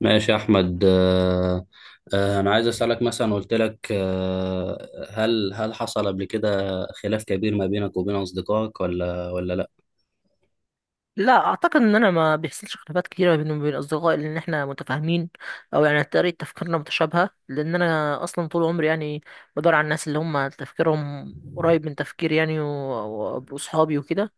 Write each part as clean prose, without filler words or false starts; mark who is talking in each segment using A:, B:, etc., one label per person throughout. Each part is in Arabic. A: ماشي يا احمد انا عايز اسالك مثلا قلت لك هل حصل قبل كده خلاف كبير ما بينك وبين اصدقائك ولا
B: لا، اعتقد ان انا ما بيحصلش خلافات كتيره بيني وبين اصدقائي لان احنا متفاهمين. او يعني طريقه تفكيرنا متشابهه، لان انا اصلا طول عمري يعني بدور على الناس اللي هم تفكيرهم قريب من تفكيري يعني واصحابي وكده.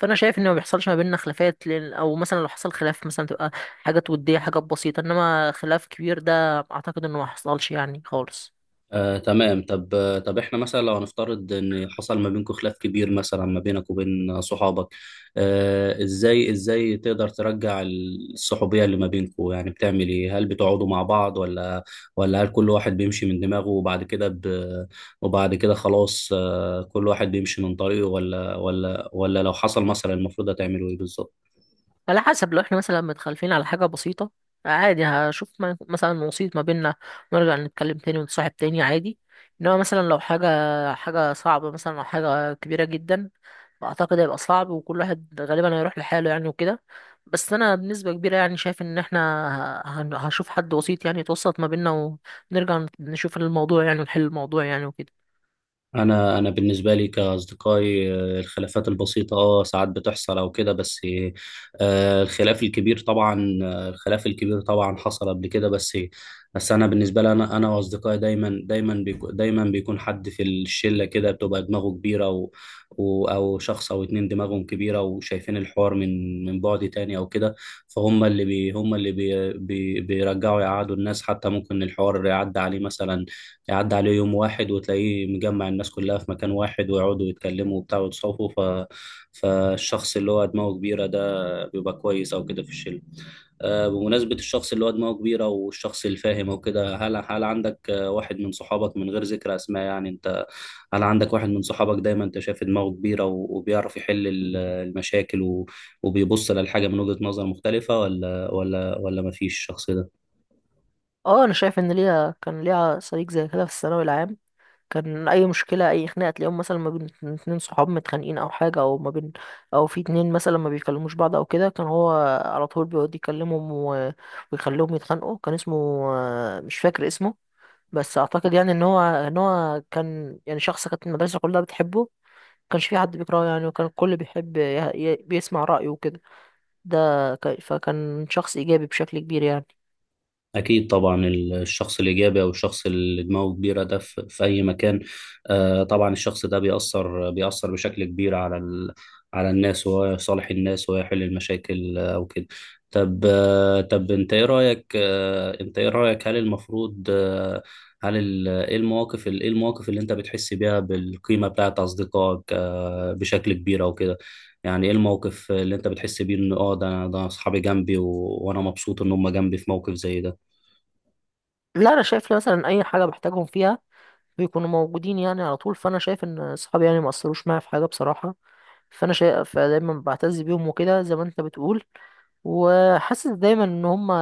B: فانا شايف ان ما بيحصلش ما بيننا خلافات، لان او مثلا لو حصل خلاف مثلا تبقى حاجات وديه، حاجات بسيطه، انما خلاف كبير ده اعتقد انه ما حصلش يعني خالص.
A: تمام. طب طب احنا مثلا لو هنفترض ان حصل ما بينكم خلاف كبير مثلا ما بينك وبين صحابك، ازاي تقدر ترجع الصحوبية اللي ما بينكم؟ يعني بتعمل ايه؟ هل بتقعدوا مع بعض ولا هل كل واحد بيمشي من دماغه وبعد كده وبعد كده خلاص كل واحد بيمشي من طريقه، ولا لو حصل مثلا المفروض هتعملوا ايه بالظبط؟
B: على حسب، لو احنا مثلا متخالفين على حاجة بسيطة عادي هشوف مثلا وسيط ما بيننا، ونرجع نتكلم تاني ونتصاحب تاني عادي. انما مثلا لو حاجة صعبة مثلا او حاجة كبيرة جدا، فاعتقد هيبقى صعب وكل واحد غالبا هيروح لحاله يعني وكده. بس انا بنسبة كبيرة يعني شايف ان احنا هشوف حد وسيط يعني يتوسط ما بيننا، ونرجع نشوف الموضوع يعني ونحل الموضوع يعني وكده.
A: انا بالنسبه لي كاصدقائي، الخلافات البسيطه ساعات بتحصل او كده، بس الخلاف الكبير طبعا حصل قبل كده. بس انا بالنسبه لي، انا واصدقائي دايما بيكون حد في الشله كده بتبقى دماغه كبيره، او شخص او اتنين دماغهم كبيره وشايفين الحوار من بعد تاني او كده. فهم اللي بي هم اللي بي بي بيرجعوا يقعدوا الناس. حتى ممكن الحوار يعدي عليه مثلا، يعدي عليه يوم واحد وتلاقيه مجمع الناس كلها في مكان واحد ويقعدوا يتكلموا وبتاع ويتصافوا. فالشخص اللي هو دماغه كبيرة ده بيبقى كويس أو كده في الشلة. بمناسبة الشخص اللي هو دماغه كبيرة والشخص الفاهم أو كده، هل عندك واحد من صحابك، من غير ذكر أسماء يعني، أنت هل عندك واحد من صحابك دايما أنت شايف دماغه كبيرة وبيعرف يحل المشاكل وبيبص للحاجة من وجهة نظر مختلفة، ولا مفيش الشخص ده؟
B: اه، انا شايف ان كان ليا صديق زي كده في الثانوي العام. كان اي مشكله اي خناقه تلاقيهم مثلا ما بين اتنين صحاب متخانقين او حاجه، او ما بين، او في اتنين مثلا ما بيكلموش بعض او كده، كان هو على طول بيقعد يكلمهم ويخليهم يتخانقوا. كان اسمه، مش فاكر اسمه، بس اعتقد يعني ان هو كان يعني شخص كانت المدرسه كلها بتحبه، ما كانش في حد بيكرهه يعني، وكان الكل بيحب بيسمع رايه وكده. ده فكان شخص ايجابي بشكل كبير يعني.
A: أكيد طبعا. الشخص الإيجابي أو الشخص اللي دماغه كبيرة ده في في أي مكان، طبعا الشخص ده بيأثر بشكل كبير على على الناس، وهو يصالح الناس ويحل المشاكل أو كده. طب أنت إيه رأيك، هل المفروض آه، هل ال... إيه المواقف ال- إيه المواقف اللي أنت بتحس بيها بالقيمة بتاعت أصدقائك بشكل كبير أو كده؟ يعني ايه الموقف اللي انت بتحس بيه ان ده اصحابي جنبي وانا مبسوط ان هم جنبي في موقف زي ده؟
B: لا، انا شايف مثلا اي حاجه بحتاجهم فيها بيكونوا موجودين يعني على طول، فانا شايف ان اصحابي يعني ما اثروش معايا في حاجه بصراحه. فانا شايف فدايما بعتز بيهم وكده زي ما انت بتقول، وحاسس دايما ان هم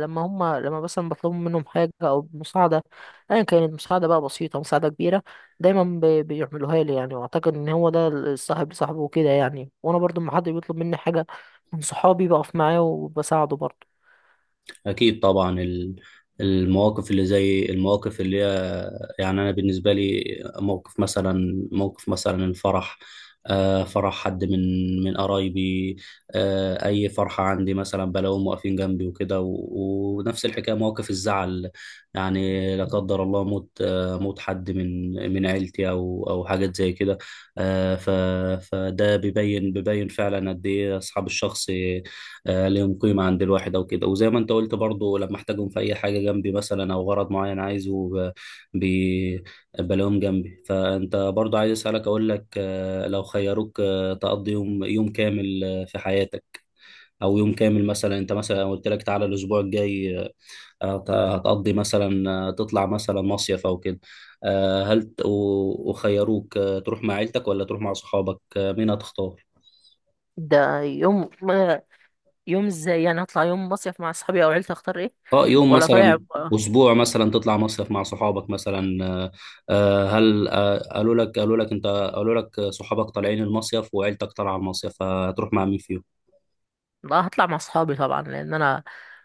B: لما مثلا بطلب منهم حاجه او مساعده، ايا كانت مساعده بقى بسيطه، مساعده كبيره، دايما بيعملوها لي يعني. واعتقد ان هو ده الصاحب لصاحبه وكده يعني، وانا برضو لما حد بيطلب مني حاجه من صحابي بقف معاه وبساعده برضو.
A: أكيد طبعا. المواقف اللي هي، يعني أنا بالنسبة لي، موقف مثلا الفرح، فرح حد من قرايبي، أي فرحة عندي مثلا بلاقيهم واقفين جنبي وكده، ونفس الحكاية موقف الزعل، يعني لا قدر الله موت موت حد من عيلتي أو حاجات زي كده. آه، ف- فده بيبين فعلا قد إيه أصحاب الشخص ليهم قيمة عند الواحد أو كده. وزي ما أنت قلت برضو، لما أحتاجهم في أي حاجة جنبي مثلا أو غرض معين عايزه بي- بلاقيهم جنبي. فأنت برضو عايز أسألك أقول لك، لو خيروك تقضي يوم كامل في حياتك، أو يوم كامل مثلا، أنت مثلا لو قلت لك تعالى الأسبوع الجاي هتقضي مثلا تطلع مثلا مصيف أو كده، وخيروك تروح مع عيلتك ولا تروح مع صحابك، مين هتختار؟
B: ده يوم ازاي يعني؟ هطلع يوم مصيف مع اصحابي او عيلتي؟ اختار ايه؟
A: اه يوم
B: ولا طالع.
A: مثلا، اسبوع مثلا تطلع مصيف مع صحابك مثلا، آه، آه، هل آه، قالوا لك انت، قالوا لك صحابك طالعين المصيف وعيلتك طالعه المصيف، فهتروح مع مين فيهم؟
B: لا، هطلع مع اصحابي طبعا، لان انا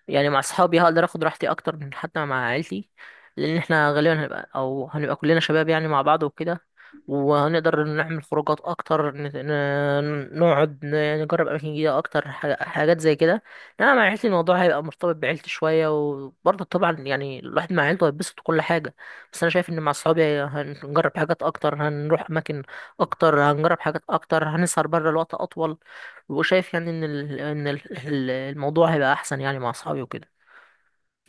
B: يعني مع اصحابي هقدر اخد راحتي اكتر من حتى مع عيلتي، لان احنا غالبا هنبقى كلنا شباب يعني مع بعض وكده، وهنقدر نعمل خروجات اكتر، نقعد يعني نجرب اماكن جديده اكتر، حاجات زي كده. انما مع عيلتي الموضوع هيبقى مرتبط بعيلتي شويه، وبرضه طبعا يعني الواحد مع عيلته هيتبسط كل حاجه، بس انا شايف ان مع اصحابي هنجرب حاجات اكتر، هنروح اماكن اكتر، هنجرب حاجات اكتر، هنسهر بره لوقت اطول، وشايف يعني ان الموضوع هيبقى احسن يعني مع اصحابي وكده.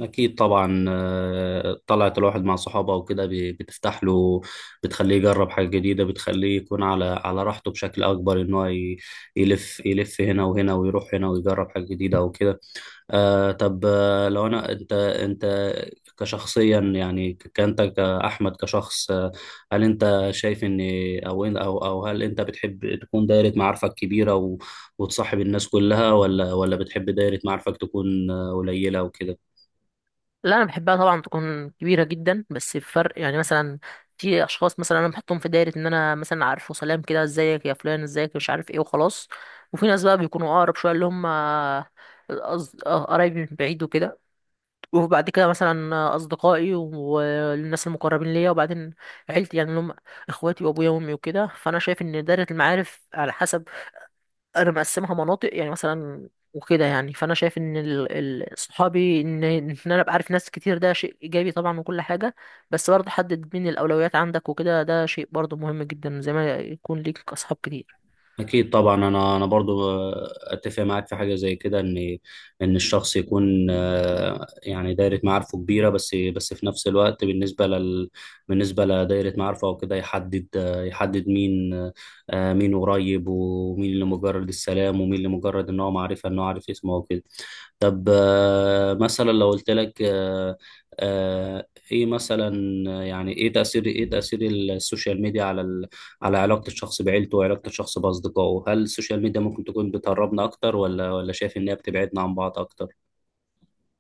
A: اكيد طبعا. طلعت الواحد مع صحابه وكده بتفتح له، بتخليه يجرب حاجه جديده، بتخليه يكون على على راحته بشكل اكبر، ان هو يلف هنا وهنا ويروح هنا ويجرب حاجه جديده وكده. آه، طب لو انا انت انت كشخصيا يعني، ك- كانت كأحمد كشخص، هل انت شايف ان او إن- او او هل انت بتحب تكون دايرة معارفك كبيرة وتصاحب الناس كلها، ولا بتحب دايرة معارفك تكون قليلة وكده؟
B: لا، انا بحبها طبعا تكون كبيره جدا، بس الفرق يعني مثلا في اشخاص مثلا انا بحطهم في دايره ان انا مثلا عارفه، سلام كده، ازيك يا فلان، ازيك، مش عارف ايه، وخلاص. وفي ناس بقى بيكونوا اقرب شويه، اللي هم قرايبي من بعيد وكده، وبعد كده مثلا اصدقائي والناس المقربين ليا، وبعدين عيلتي يعني اللي هم اخواتي وابويا وامي وكده. فانا شايف ان دايره المعارف على حسب، انا مقسمها مناطق يعني مثلا وكده يعني. فانا شايف ان صحابي، ان انا ابقى عارف ناس كتير ده شيء ايجابي طبعا وكل حاجه، بس برضه حدد مين الاولويات عندك وكده، ده شيء برضه مهم جدا زي ما يكون ليك اصحاب كتير.
A: أكيد طبعا. أنا برضو أتفق معاك في حاجة زي كده، إن الشخص يكون يعني دايرة معارفه كبيرة، بس في نفس الوقت بالنسبة بالنسبة لدايرة معارفه أو كده، يحدد يحدد مين مين قريب، ومين اللي مجرد السلام، ومين اللي مجرد إن هو معرفة إن هو عارف اسمه وكده. طب مثلا لو قلت لك، إيه مثلا، يعني إيه تأثير السوشيال ميديا على على علاقة الشخص بعيلته وعلاقة الشخص بأصدقائه؟ هل السوشيال ميديا ممكن تكون بتقربنا أكتر، ولا شايف إن هي بتبعدنا عن بعض أكتر؟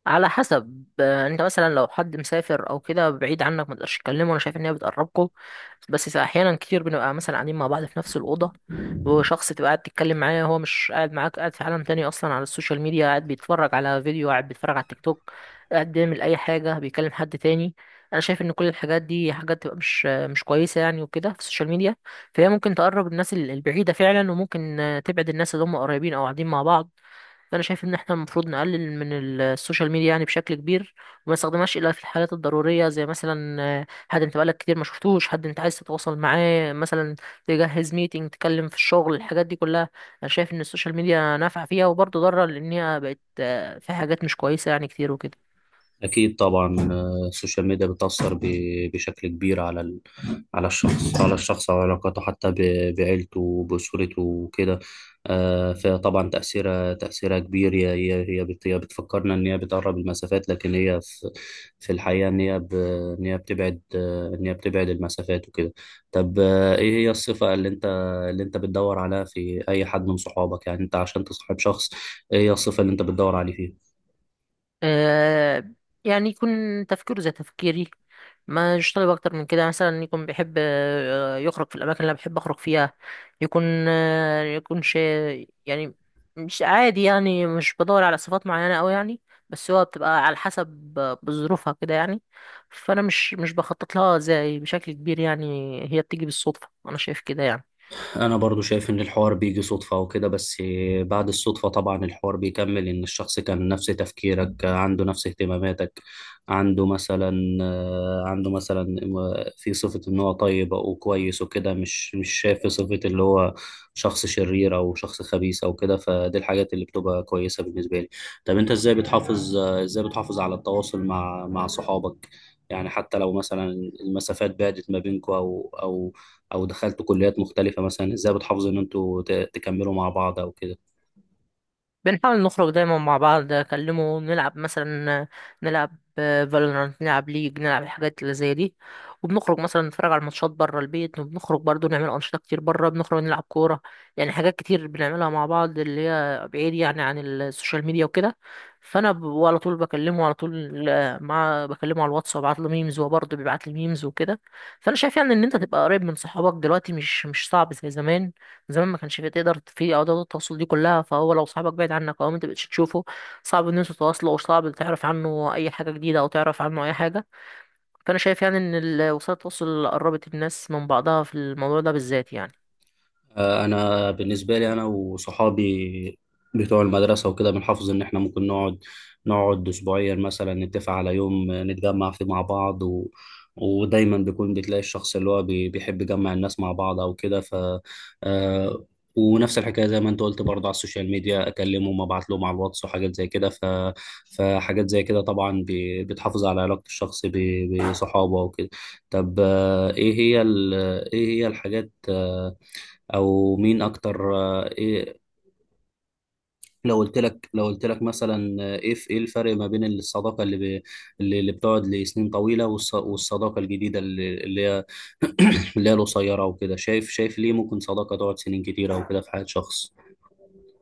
B: على حسب، انت مثلا لو حد مسافر او كده بعيد عنك ما تقدرش تكلمه، انا شايف ان هي بتقربكم. بس احيانا كتير بنبقى مثلا قاعدين مع بعض في نفس الاوضه، وشخص تبقى قاعد تتكلم معاه هو مش قاعد معاك، قاعد في عالم تاني اصلا على السوشيال ميديا، قاعد بيتفرج على فيديو، قاعد بيتفرج على التيك توك، قاعد بيعمل اي حاجه، بيكلم حد تاني. انا شايف ان كل الحاجات دي حاجات تبقى مش كويسه يعني وكده في السوشيال ميديا، فهي ممكن تقرب الناس البعيده فعلا، وممكن تبعد الناس اللي هم قريبين او قاعدين مع بعض. فانا شايف ان احنا المفروض نقلل من السوشيال ميديا يعني بشكل كبير، وما نستخدمهاش الا في الحالات الضروريه، زي مثلا حد انت بقالك كتير ما شفتوش، حد انت عايز تتواصل معاه مثلا، تجهز ميتنج، تتكلم في الشغل، الحاجات دي كلها. انا شايف ان السوشيال ميديا نافعه فيها وبرضه ضاره، لان هي بقت فيها حاجات مش كويسه يعني كتير وكده.
A: أكيد طبعا. السوشيال ميديا بتأثر بشكل كبير على على الشخص، وعلاقاته حتى بعيلته وبأسرته وكده. فطبعا تأثيرها كبير. هي بتفكرنا إن هي بتقرب المسافات، لكن في الحقيقة إن هي بتبعد إن هي بتبعد المسافات وكده. طب إيه هي الصفة اللي أنت بتدور عليها في أي حد من صحابك؟ يعني أنت عشان تصاحب شخص، إيه هي الصفة اللي أنت بتدور عليه فيه؟
B: آه، يعني يكون تفكيره زي تفكيري، ما يشتغل اكتر من كده مثلا، يكون بيحب يخرج في الاماكن اللي أنا بحب اخرج فيها، يكون يكون شيء يعني مش عادي يعني، مش بدور على صفات معينة أوي يعني، بس هو بتبقى على حسب بظروفها كده يعني، فأنا مش بخطط لها زي بشكل كبير، يعني هي بتيجي بالصدفة أنا شايف كده يعني.
A: انا برضو شايف ان الحوار بيجي صدفة وكده. بس بعد الصدفة طبعا الحوار بيكمل، ان الشخص كان نفس تفكيرك، عنده نفس اهتماماتك، عنده مثلا عنده مثلا في صفة ان هو طيب او كويس وكده، مش شايف في صفة اللي هو شخص شرير او شخص خبيث او كده. فدي الحاجات اللي بتبقى كويسة بالنسبة لي. طب انت ازاي بتحافظ على التواصل مع مع صحابك؟ يعني حتى لو مثلا المسافات بعدت ما بينكم، او دخلتوا كليات مختلفه مثلا، ازاي بتحافظوا ان انتوا تكملوا مع بعض او كده؟
B: بنحاول نخرج دايما مع بعض، اكلمه، نلعب مثلا، نلعب فالورانت، نلعب ليج، نلعب الحاجات اللي زي دي، وبنخرج مثلا نتفرج على الماتشات بره البيت، وبنخرج برضو نعمل انشطه كتير بره، بنخرج نلعب كوره، يعني حاجات كتير بنعملها مع بعض اللي هي بعيد يعني عن السوشيال ميديا وكده. فانا على طول بكلمه، على طول آه، مع بكلمه على الواتس وابعت له ميمز وهو برضه بيبعت لي ميمز وكده. فانا شايف يعني ان انت تبقى قريب من صحابك دلوقتي مش صعب زي زمان، زمان ما كانش فيه تقدر في ادوات التواصل دي كلها، فهو لو صاحبك بعيد عنك او انت مبقتش تشوفه صعب ان انتوا تتواصلوا، او صعب تعرف عنه اي حاجه جديده او تعرف عنه اي حاجه. فانا شايف يعني ان وسائل التواصل قربت الناس من بعضها في الموضوع ده بالذات يعني.
A: انا بالنسبه لي، انا وصحابي بتوع المدرسه وكده، بنحافظ ان احنا ممكن نقعد، اسبوعيا مثلا نتفق على يوم نتجمع فيه مع بعض، ودايما بيكون بتلاقي الشخص اللي هو بيحب يجمع الناس مع بعض او كده. ف آه، ونفس الحكايه زي ما انت قلت برضه، على السوشيال ميديا اكلمهم، ابعت لهم على الواتس وحاجات زي كده. فحاجات زي كده طبعا بتحافظ على علاقه الشخص بصحابه وكده. طب ايه هي الحاجات، او مين اكتر، آه، ايه لو قلت لك، مثلا ايه الفرق ما بين الصداقه اللي ب... اللي اللي بتقعد لسنين طويله، والصداقه الجديده اللي هي اللي هي القصيره وكده؟ شايف ليه ممكن صداقه تقعد سنين كتيره وكده في حياه شخص؟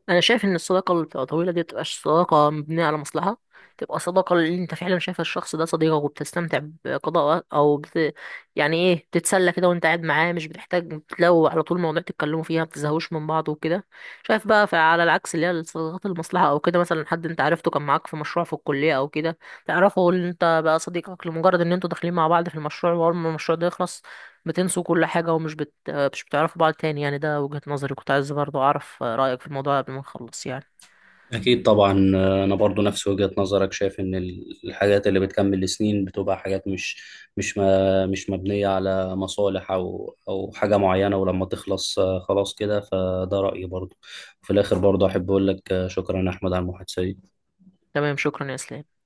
B: انا شايف ان الصداقه اللي بتبقى طويله دي متبقاش صداقه مبنيه على مصلحه، تبقى صداقه اللي انت فعلا شايف الشخص ده صديقك، وبتستمتع بقضاء وقت يعني ايه، بتتسلى كده وانت قاعد معاه، مش بتحتاج لو على طول مواضيع تتكلموا فيها، ما بتزهقوش من بعض وكده. شايف بقى، على العكس اللي هي الصداقات المصلحه او كده، مثلا حد انت عرفته كان معاك في مشروع في الكليه او كده، تعرفه اللي انت بقى صديقك لمجرد ان انتوا داخلين مع بعض في المشروع، واول ما المشروع ده يخلص بتنسوا كل حاجة، ومش بت... مش بتعرفوا بعض تاني يعني. ده وجهة نظري، كنت عايز برضو أعرف رأيك في الموضوع قبل ما نخلص يعني.
A: أكيد طبعا. أنا برضو نفس وجهة نظرك، شايف إن الحاجات اللي بتكمل سنين بتبقى حاجات مش مبنية على مصالح أو حاجة معينة، ولما تخلص خلاص كده. فده رأيي برضو. في الآخر برضو أحب أقول لك شكرا يا أحمد على المحادثة دي.
B: تمام، شكرا يا إسلام.